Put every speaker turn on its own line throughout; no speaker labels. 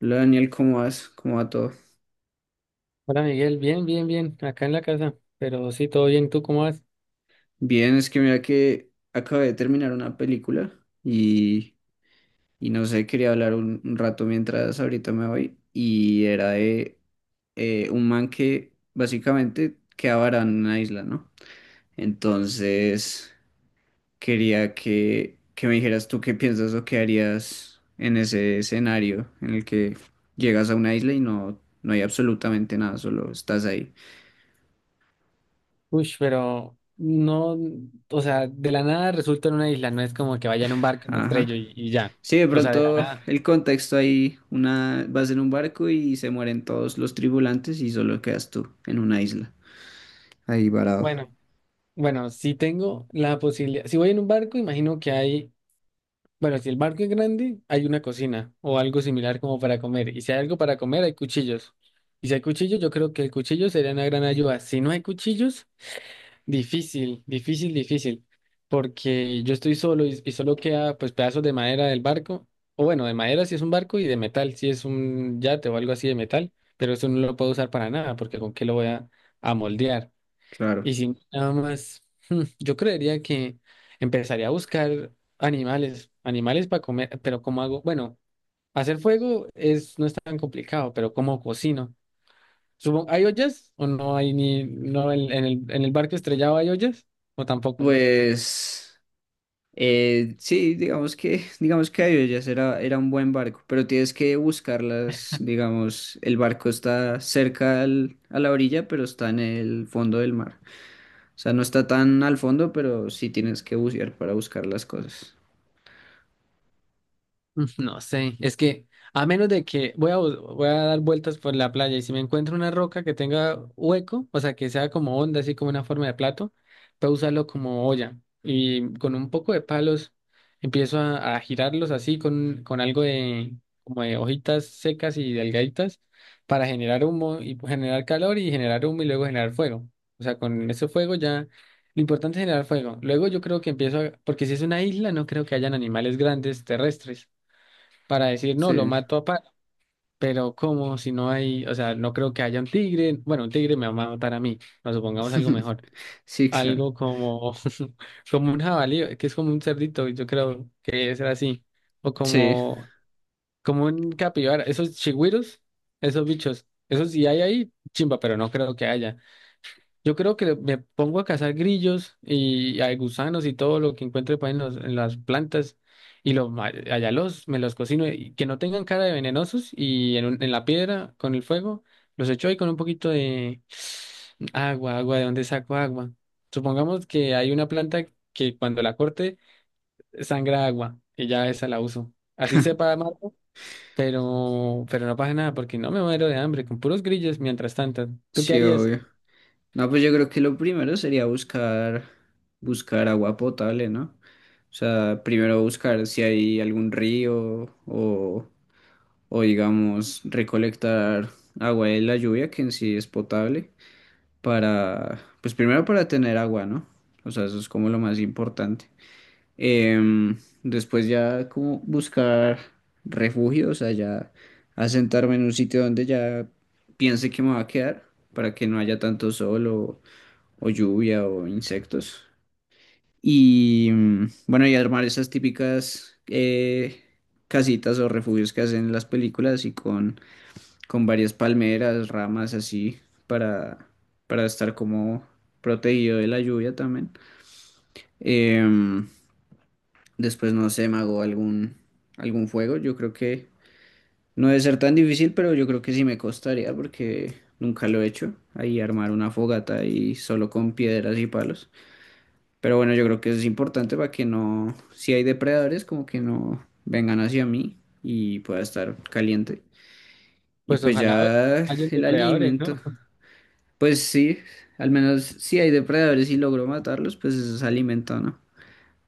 Hola Daniel, ¿cómo vas? ¿Cómo va todo?
Hola Miguel, bien, bien, bien, acá en la casa, pero sí, todo bien, ¿tú cómo vas?
Bien, es que mira que acabé de terminar una película y, y no sé, quería hablar un rato mientras ahorita me voy y era de un man que básicamente quedaba varado en una isla, ¿no? Entonces quería que me dijeras tú qué piensas o qué harías en ese escenario en el que llegas a una isla y no hay absolutamente nada, solo estás ahí.
Uy, pero no, o sea, de la nada resulta en una isla, no es como que vaya en un barco, me
Ajá.
estrello y ya,
Sí, de
o sea, de la
pronto
nada.
el contexto ahí, una, vas en un barco y se mueren todos los tripulantes y solo quedas tú en una isla. Ahí varado.
Bueno, bueno, si tengo la posibilidad, si voy en un barco, imagino que hay, bueno, si el barco es grande, hay una cocina o algo similar como para comer, y si hay algo para comer, hay cuchillos, y si hay cuchillos, yo creo que el cuchillo sería una gran ayuda, si no hay cuchillos. Difícil, difícil, difícil, porque yo estoy solo y solo queda, pues, pedazos de madera del barco, o, bueno, de madera si es un barco y de metal si es un yate o algo así de metal, pero eso no lo puedo usar para nada porque con qué lo voy a moldear.
Claro.
Y si nada más, yo creería que empezaría a buscar animales, animales para comer, pero ¿cómo hago? Bueno, hacer fuego es, no es tan complicado, pero ¿cómo cocino? Supongo, ¿hay ollas o no hay, ni no en el barco estrellado hay ollas o tampoco?
Pues sí, digamos que, digamos que Ayoyas era, era un buen barco, pero tienes que buscarlas, digamos, el barco está cerca al- a la orilla, pero está en el fondo del mar. O sea, no está tan al fondo, pero sí tienes que bucear para buscar las cosas.
No sé, es que, a menos de que voy a, voy a dar vueltas por la playa y si me encuentro una roca que tenga hueco, o sea, que sea como onda, así como una forma de plato, puedo usarlo como olla y con un poco de palos empiezo a girarlos así con algo de, como de, hojitas secas y delgaditas para generar humo y generar calor y generar humo y luego generar fuego. O sea, con ese fuego ya. Lo importante es generar fuego. Luego yo creo que empiezo a. Porque si es una isla, no creo que hayan animales grandes terrestres para decir, no, lo
Sí.
mato a palo. Pero ¿cómo, si no hay, o sea, no creo que haya un tigre? Bueno, un tigre me va a matar a mí, nos supongamos algo mejor.
Sí, claro.
Algo como, como un jabalí, que es como un cerdito, yo creo que es así. O
Sí,
como, como un capibara, esos chigüiros, esos bichos, esos sí hay ahí, chimba, pero no creo que haya. Yo creo que me pongo a cazar grillos y a gusanos y todo lo que encuentre, pues, en las plantas y los, ma- allá los, me los cocino y que no tengan cara de venenosos y, en la piedra con el fuego los echo ahí con un poquito de agua, agua, ¿de dónde saco agua? Supongamos que hay una planta que, cuando la corte, sangra agua, y ya esa la uso. Así sepa amargo, pero no pasa nada porque no me muero de hambre con puros grillos mientras tanto. ¿Tú qué
sí,
harías?
obvio. No, pues yo creo que lo primero sería buscar, buscar agua potable, ¿no? O sea, primero buscar si hay algún río o digamos, recolectar agua de la lluvia, que en sí es potable, para, pues primero para tener agua, ¿no? O sea, eso es como lo más importante. Después ya como buscar refugio, o sea, ya asentarme en un sitio donde ya piense que me va a quedar, para que no haya tanto sol o lluvia o insectos. Y mm, bueno, y armar esas típicas casitas o refugios que hacen en las películas y con varias palmeras, ramas así para, para estar como protegido de la lluvia también. Em, después, no sé, me hago algún, algún fuego. Yo creo que no debe ser tan difícil, pero yo creo que sí me costaría porque nunca lo he hecho. Ahí armar una fogata y solo con piedras y palos. Pero bueno, yo creo que eso es importante para que no, si hay depredadores, como que no vengan hacia mí y pueda estar caliente. Y
Pues
pues
ojalá
ya
hayan
el
depredadores,
alimento,
¿no?
pues sí, al menos si hay depredadores y logro matarlos, pues eso es alimento, ¿no?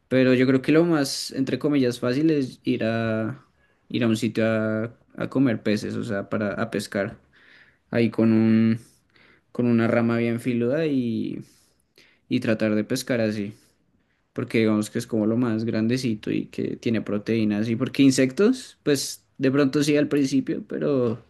Pero yo creo que lo más, entre comillas, fácil es ir a, ir a un sitio a comer peces, o sea, para a pescar. Ahí con un, con una rama bien filuda y tratar de pescar así. Porque digamos que es como lo más grandecito y que tiene proteínas. Y porque insectos, pues de pronto sí al principio, pero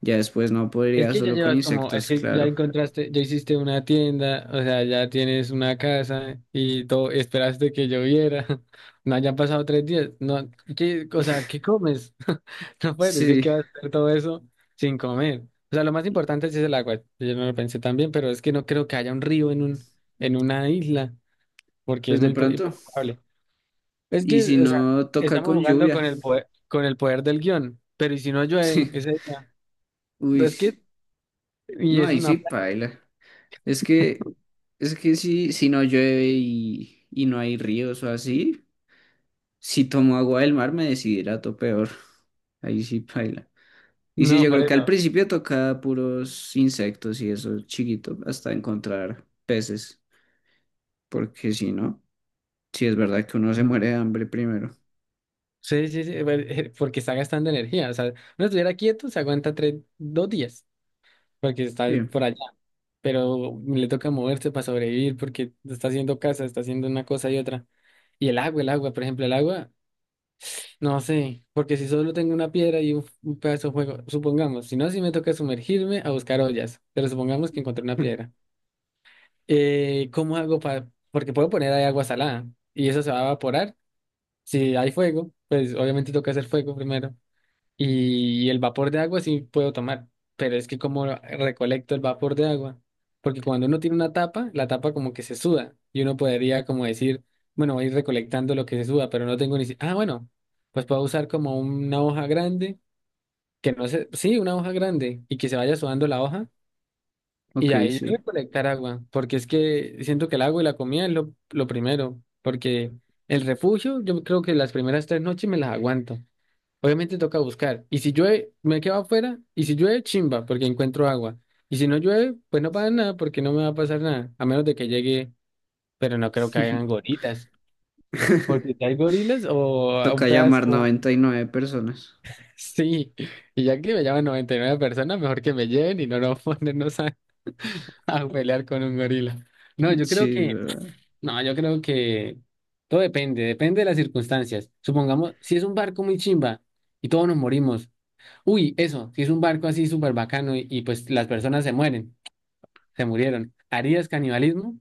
ya después no
Es
podría
que ya
solo con
llevas como, es
insectos,
que ya
claro.
encontraste, ya hiciste una tienda, o sea, ya tienes una casa y todo, esperaste que lloviera, no hayan pasado 3 días, no, qué, o sea, ¿qué comes? No puedes decir
Sí,
que vas a hacer todo eso sin comer. O sea, lo más importante sí es el agua, yo no lo pensé tan bien, pero es que no creo que haya un río en una isla, porque
pues
es
de
muy y
pronto.
poco probable. Es
Y si
que, o sea,
no toca
estamos
con
jugando
lluvia,
con el poder del guión, pero ¿y si no llueve
sí.
ese día?
Uy,
Es que, y
no,
es
ahí sí
una,
paila. Es que, es que si, si no llueve y no hay ríos o así, si tomo agua del mar me deshidrato peor. Ahí sí paila. Y sí,
una
yo creo que al
pareja,
principio toca puros insectos y eso chiquito, hasta encontrar peces, porque si no, sí es verdad que uno se
¿no?
muere de hambre primero.
Sí, sí, sí, porque está gastando energía. O sea, uno estuviera quieto, se aguanta 3, 2 días, porque está
Sí,
por allá. Pero le toca moverse para sobrevivir, porque está haciendo casa, está haciendo una cosa y otra. Y el agua, por ejemplo, el agua, no sé, porque si solo tengo una piedra y un, pedazo de fuego, supongamos, si no, si me toca sumergirme a buscar ollas, pero supongamos que encontré una piedra. ¿Cómo hago para? Porque puedo poner ahí agua salada y eso se va a evaporar. Si hay fuego, pues obviamente toca hacer fuego primero. Y el vapor de agua sí puedo tomar, pero es que como recolecto el vapor de agua, porque cuando uno tiene una tapa, la tapa como que se suda y uno podría como decir, bueno, voy a ir recolectando lo que se suda, pero no tengo ni. Ah, bueno, pues puedo usar como una hoja grande, que no sé, sí, una hoja grande, y que se vaya sudando la hoja, y
ok,
ahí
sí.
recolectar agua, porque es que siento que el agua y la comida es lo primero, porque el refugio, yo creo que las primeras 3 noches me las aguanto. Obviamente toca buscar. Y si llueve, me quedo afuera. Y si llueve, chimba, porque encuentro agua. Y si no llueve, pues no pasa nada, porque no me va a pasar nada, a menos de que llegue, pero no creo que hayan gorilas, porque si hay gorilas, o un
Toca llamar
pedazo.
99 personas.
Sí, y ya que me llaman 99 personas, mejor que me lleven y no nos ponernos a, a pelear con un gorila. No, yo creo
Sí, es
que,
verdad.
no, yo creo que todo depende, depende de las circunstancias. Supongamos, si es un barco muy chimba y todos nos morimos. Uy, eso, si es un barco así súper bacano y, pues las personas se mueren, se murieron. ¿Harías canibalismo?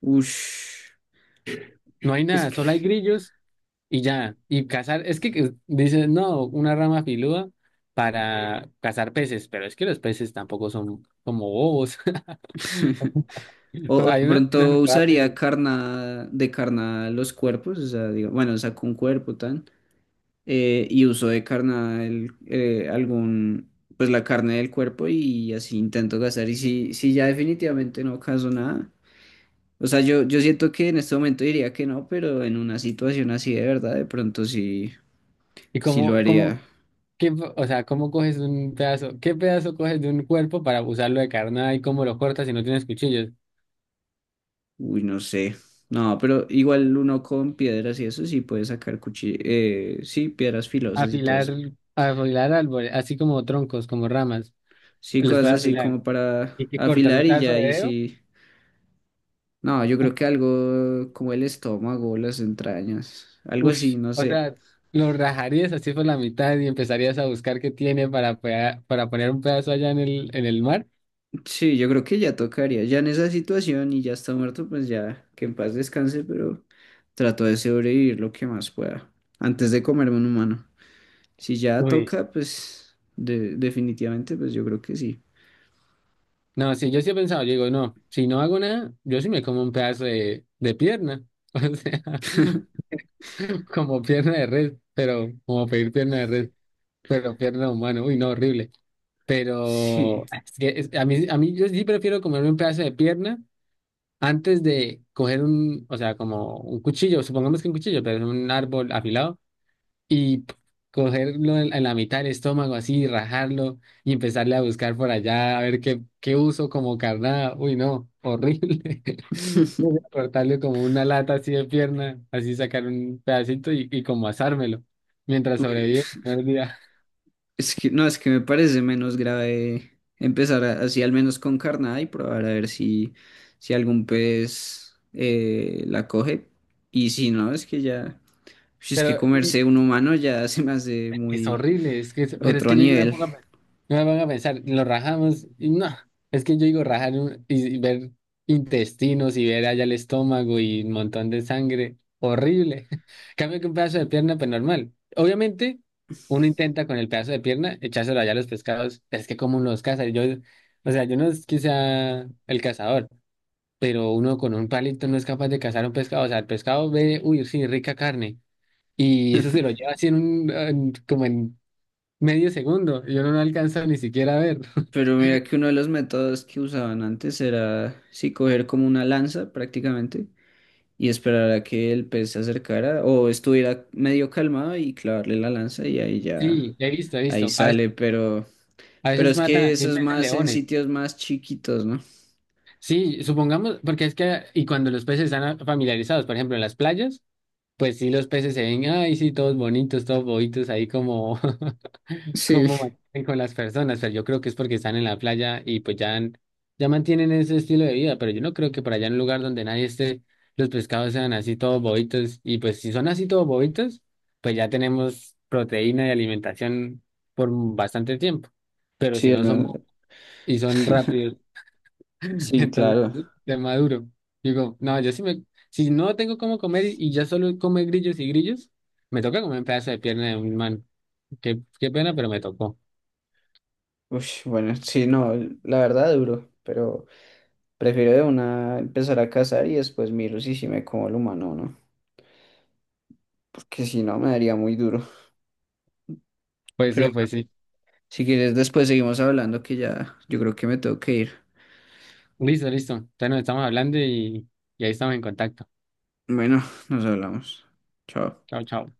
Ush,
No hay
es
nada, solo hay
que...
grillos. Y ya, y cazar, es que dices, no, una rama filuda para cazar peces, pero es que los peces tampoco son como bobos.
O, o
Hay
de
unos que
pronto
son rápidos.
usaría carna, de carnada los cuerpos, o sea, digo, bueno, saco un cuerpo tan. Y uso de carnal algún, pues la carne del cuerpo y así intento gastar. Y si, si ya definitivamente no caso nada, o sea, yo siento que en este momento diría que no, pero en una situación así de verdad, de pronto sí,
Y
sí lo
cómo
haría.
qué, o sea, ¿cómo coges un pedazo? ¿Qué pedazo coges de un cuerpo para usarlo de carnada, y cómo lo cortas si no tienes cuchillos?
Uy, no sé. No, pero igual uno con piedras y eso sí puede sacar cuchillos, sí, piedras filosas y todo
Afilar,
eso.
afilar árboles, así como troncos, como ramas,
Sí,
los
cosas
puedes
así
afilar.
como para
¿Y qué cortas? ¿Un
afilar y ya
pedazo de
ahí
dedo?
sí. No, yo creo que algo como el estómago, las entrañas, algo
Uf,
así, no
o
sé.
sea, lo rajarías así por la mitad y empezarías a buscar qué tiene para, para poner un pedazo allá en el mar.
Sí, yo creo que ya tocaría, ya en esa situación y ya está muerto, pues ya que en paz descanse, pero trato de sobrevivir lo que más pueda antes de comerme un humano. Si ya
Uy.
toca, pues de- definitivamente, pues yo creo que sí.
No, sí, yo sí he pensado, yo digo, no, si no hago nada, yo sí me como un pedazo de pierna. O sea, como pierna de res, pero como pedir pierna de res, pero pierna humana, uy, no, horrible.
Sí.
Pero es que a mí, yo sí prefiero comerme un pedazo de pierna antes de coger un, o sea, como un cuchillo, supongamos que un cuchillo, pero es un árbol afilado y cogerlo en la mitad del estómago, así, rajarlo y empezarle a buscar por allá a ver qué uso como carnada. Uy, no, horrible. Voy a cortarle como una lata así de pierna, así sacar un pedacito y, como asármelo mientras
Uy.
sobrevivo el primer día.
Es que, no, es que me parece menos grave empezar a- así al menos con carnada y probar a ver si, si algún pez la coge. Y si no, es que ya, si es que
Pero,
comerse un humano ya se me hace
es
muy
horrible, es que, pero es
otro
que yo digo, me
nivel.
pongo a, yo me pongo a pensar, lo rajamos y no, es que yo digo rajar y ver intestinos y ver allá el estómago y un montón de sangre, horrible. Cambio que un pedazo de pierna, pues normal. Obviamente, uno intenta con el pedazo de pierna echárselo allá a los pescados, pero es que como uno los caza, yo, o sea, yo no es que sea el cazador, pero uno con un palito no es capaz de cazar un pescado, o sea, el pescado ve, uy, sí, rica carne, y eso se lo lleva así en un, como en medio segundo, yo no lo alcanzo ni siquiera a ver.
Pero mira que uno de los métodos que usaban antes era, sí, coger como una lanza prácticamente y esperar a que el pez se acercara o estuviera medio calmado y clavarle la lanza y ahí ya,
Sí, he visto, he
ahí
visto.
sale, pero...
A
Pero
veces
es
matan
que
a
eso es
peces
más en
leones.
sitios más chiquitos, ¿no?
Sí, supongamos, porque es que, y cuando los peces están familiarizados, por ejemplo, en las playas, pues sí, los peces se ven, ay, sí, todos bonitos, todos bobitos, ahí como cómo
Sí,
mantienen con las personas, pero yo creo que es porque están en la playa y, pues, ya, ya mantienen ese estilo de vida, pero yo no creo que por allá, en un lugar donde nadie esté, los pescados sean así todos bobitos, y pues si son así todos bobitos, pues ya tenemos proteína y alimentación por bastante tiempo, pero
sí,
si no son
hermano.
y son rápidos,
Sí,
entonces
claro.
de maduro, digo, no, yo sí me, si no tengo cómo comer y, ya solo come grillos y grillos, me toca comer un pedazo de pierna de un man, qué, pena, pero me tocó.
Uy, bueno, sí, no, la verdad duro, pero prefiero de una empezar a cazar y después miro si sí me como el humano, ¿no? Porque si no me daría muy duro.
Pues
Pero
sí, pues
bueno,
sí.
si quieres después seguimos hablando que ya yo creo que me tengo que ir.
Listo, listo. Entonces nos estamos hablando y, ahí estamos en contacto.
Bueno, nos hablamos. Chao.
Chao, chao.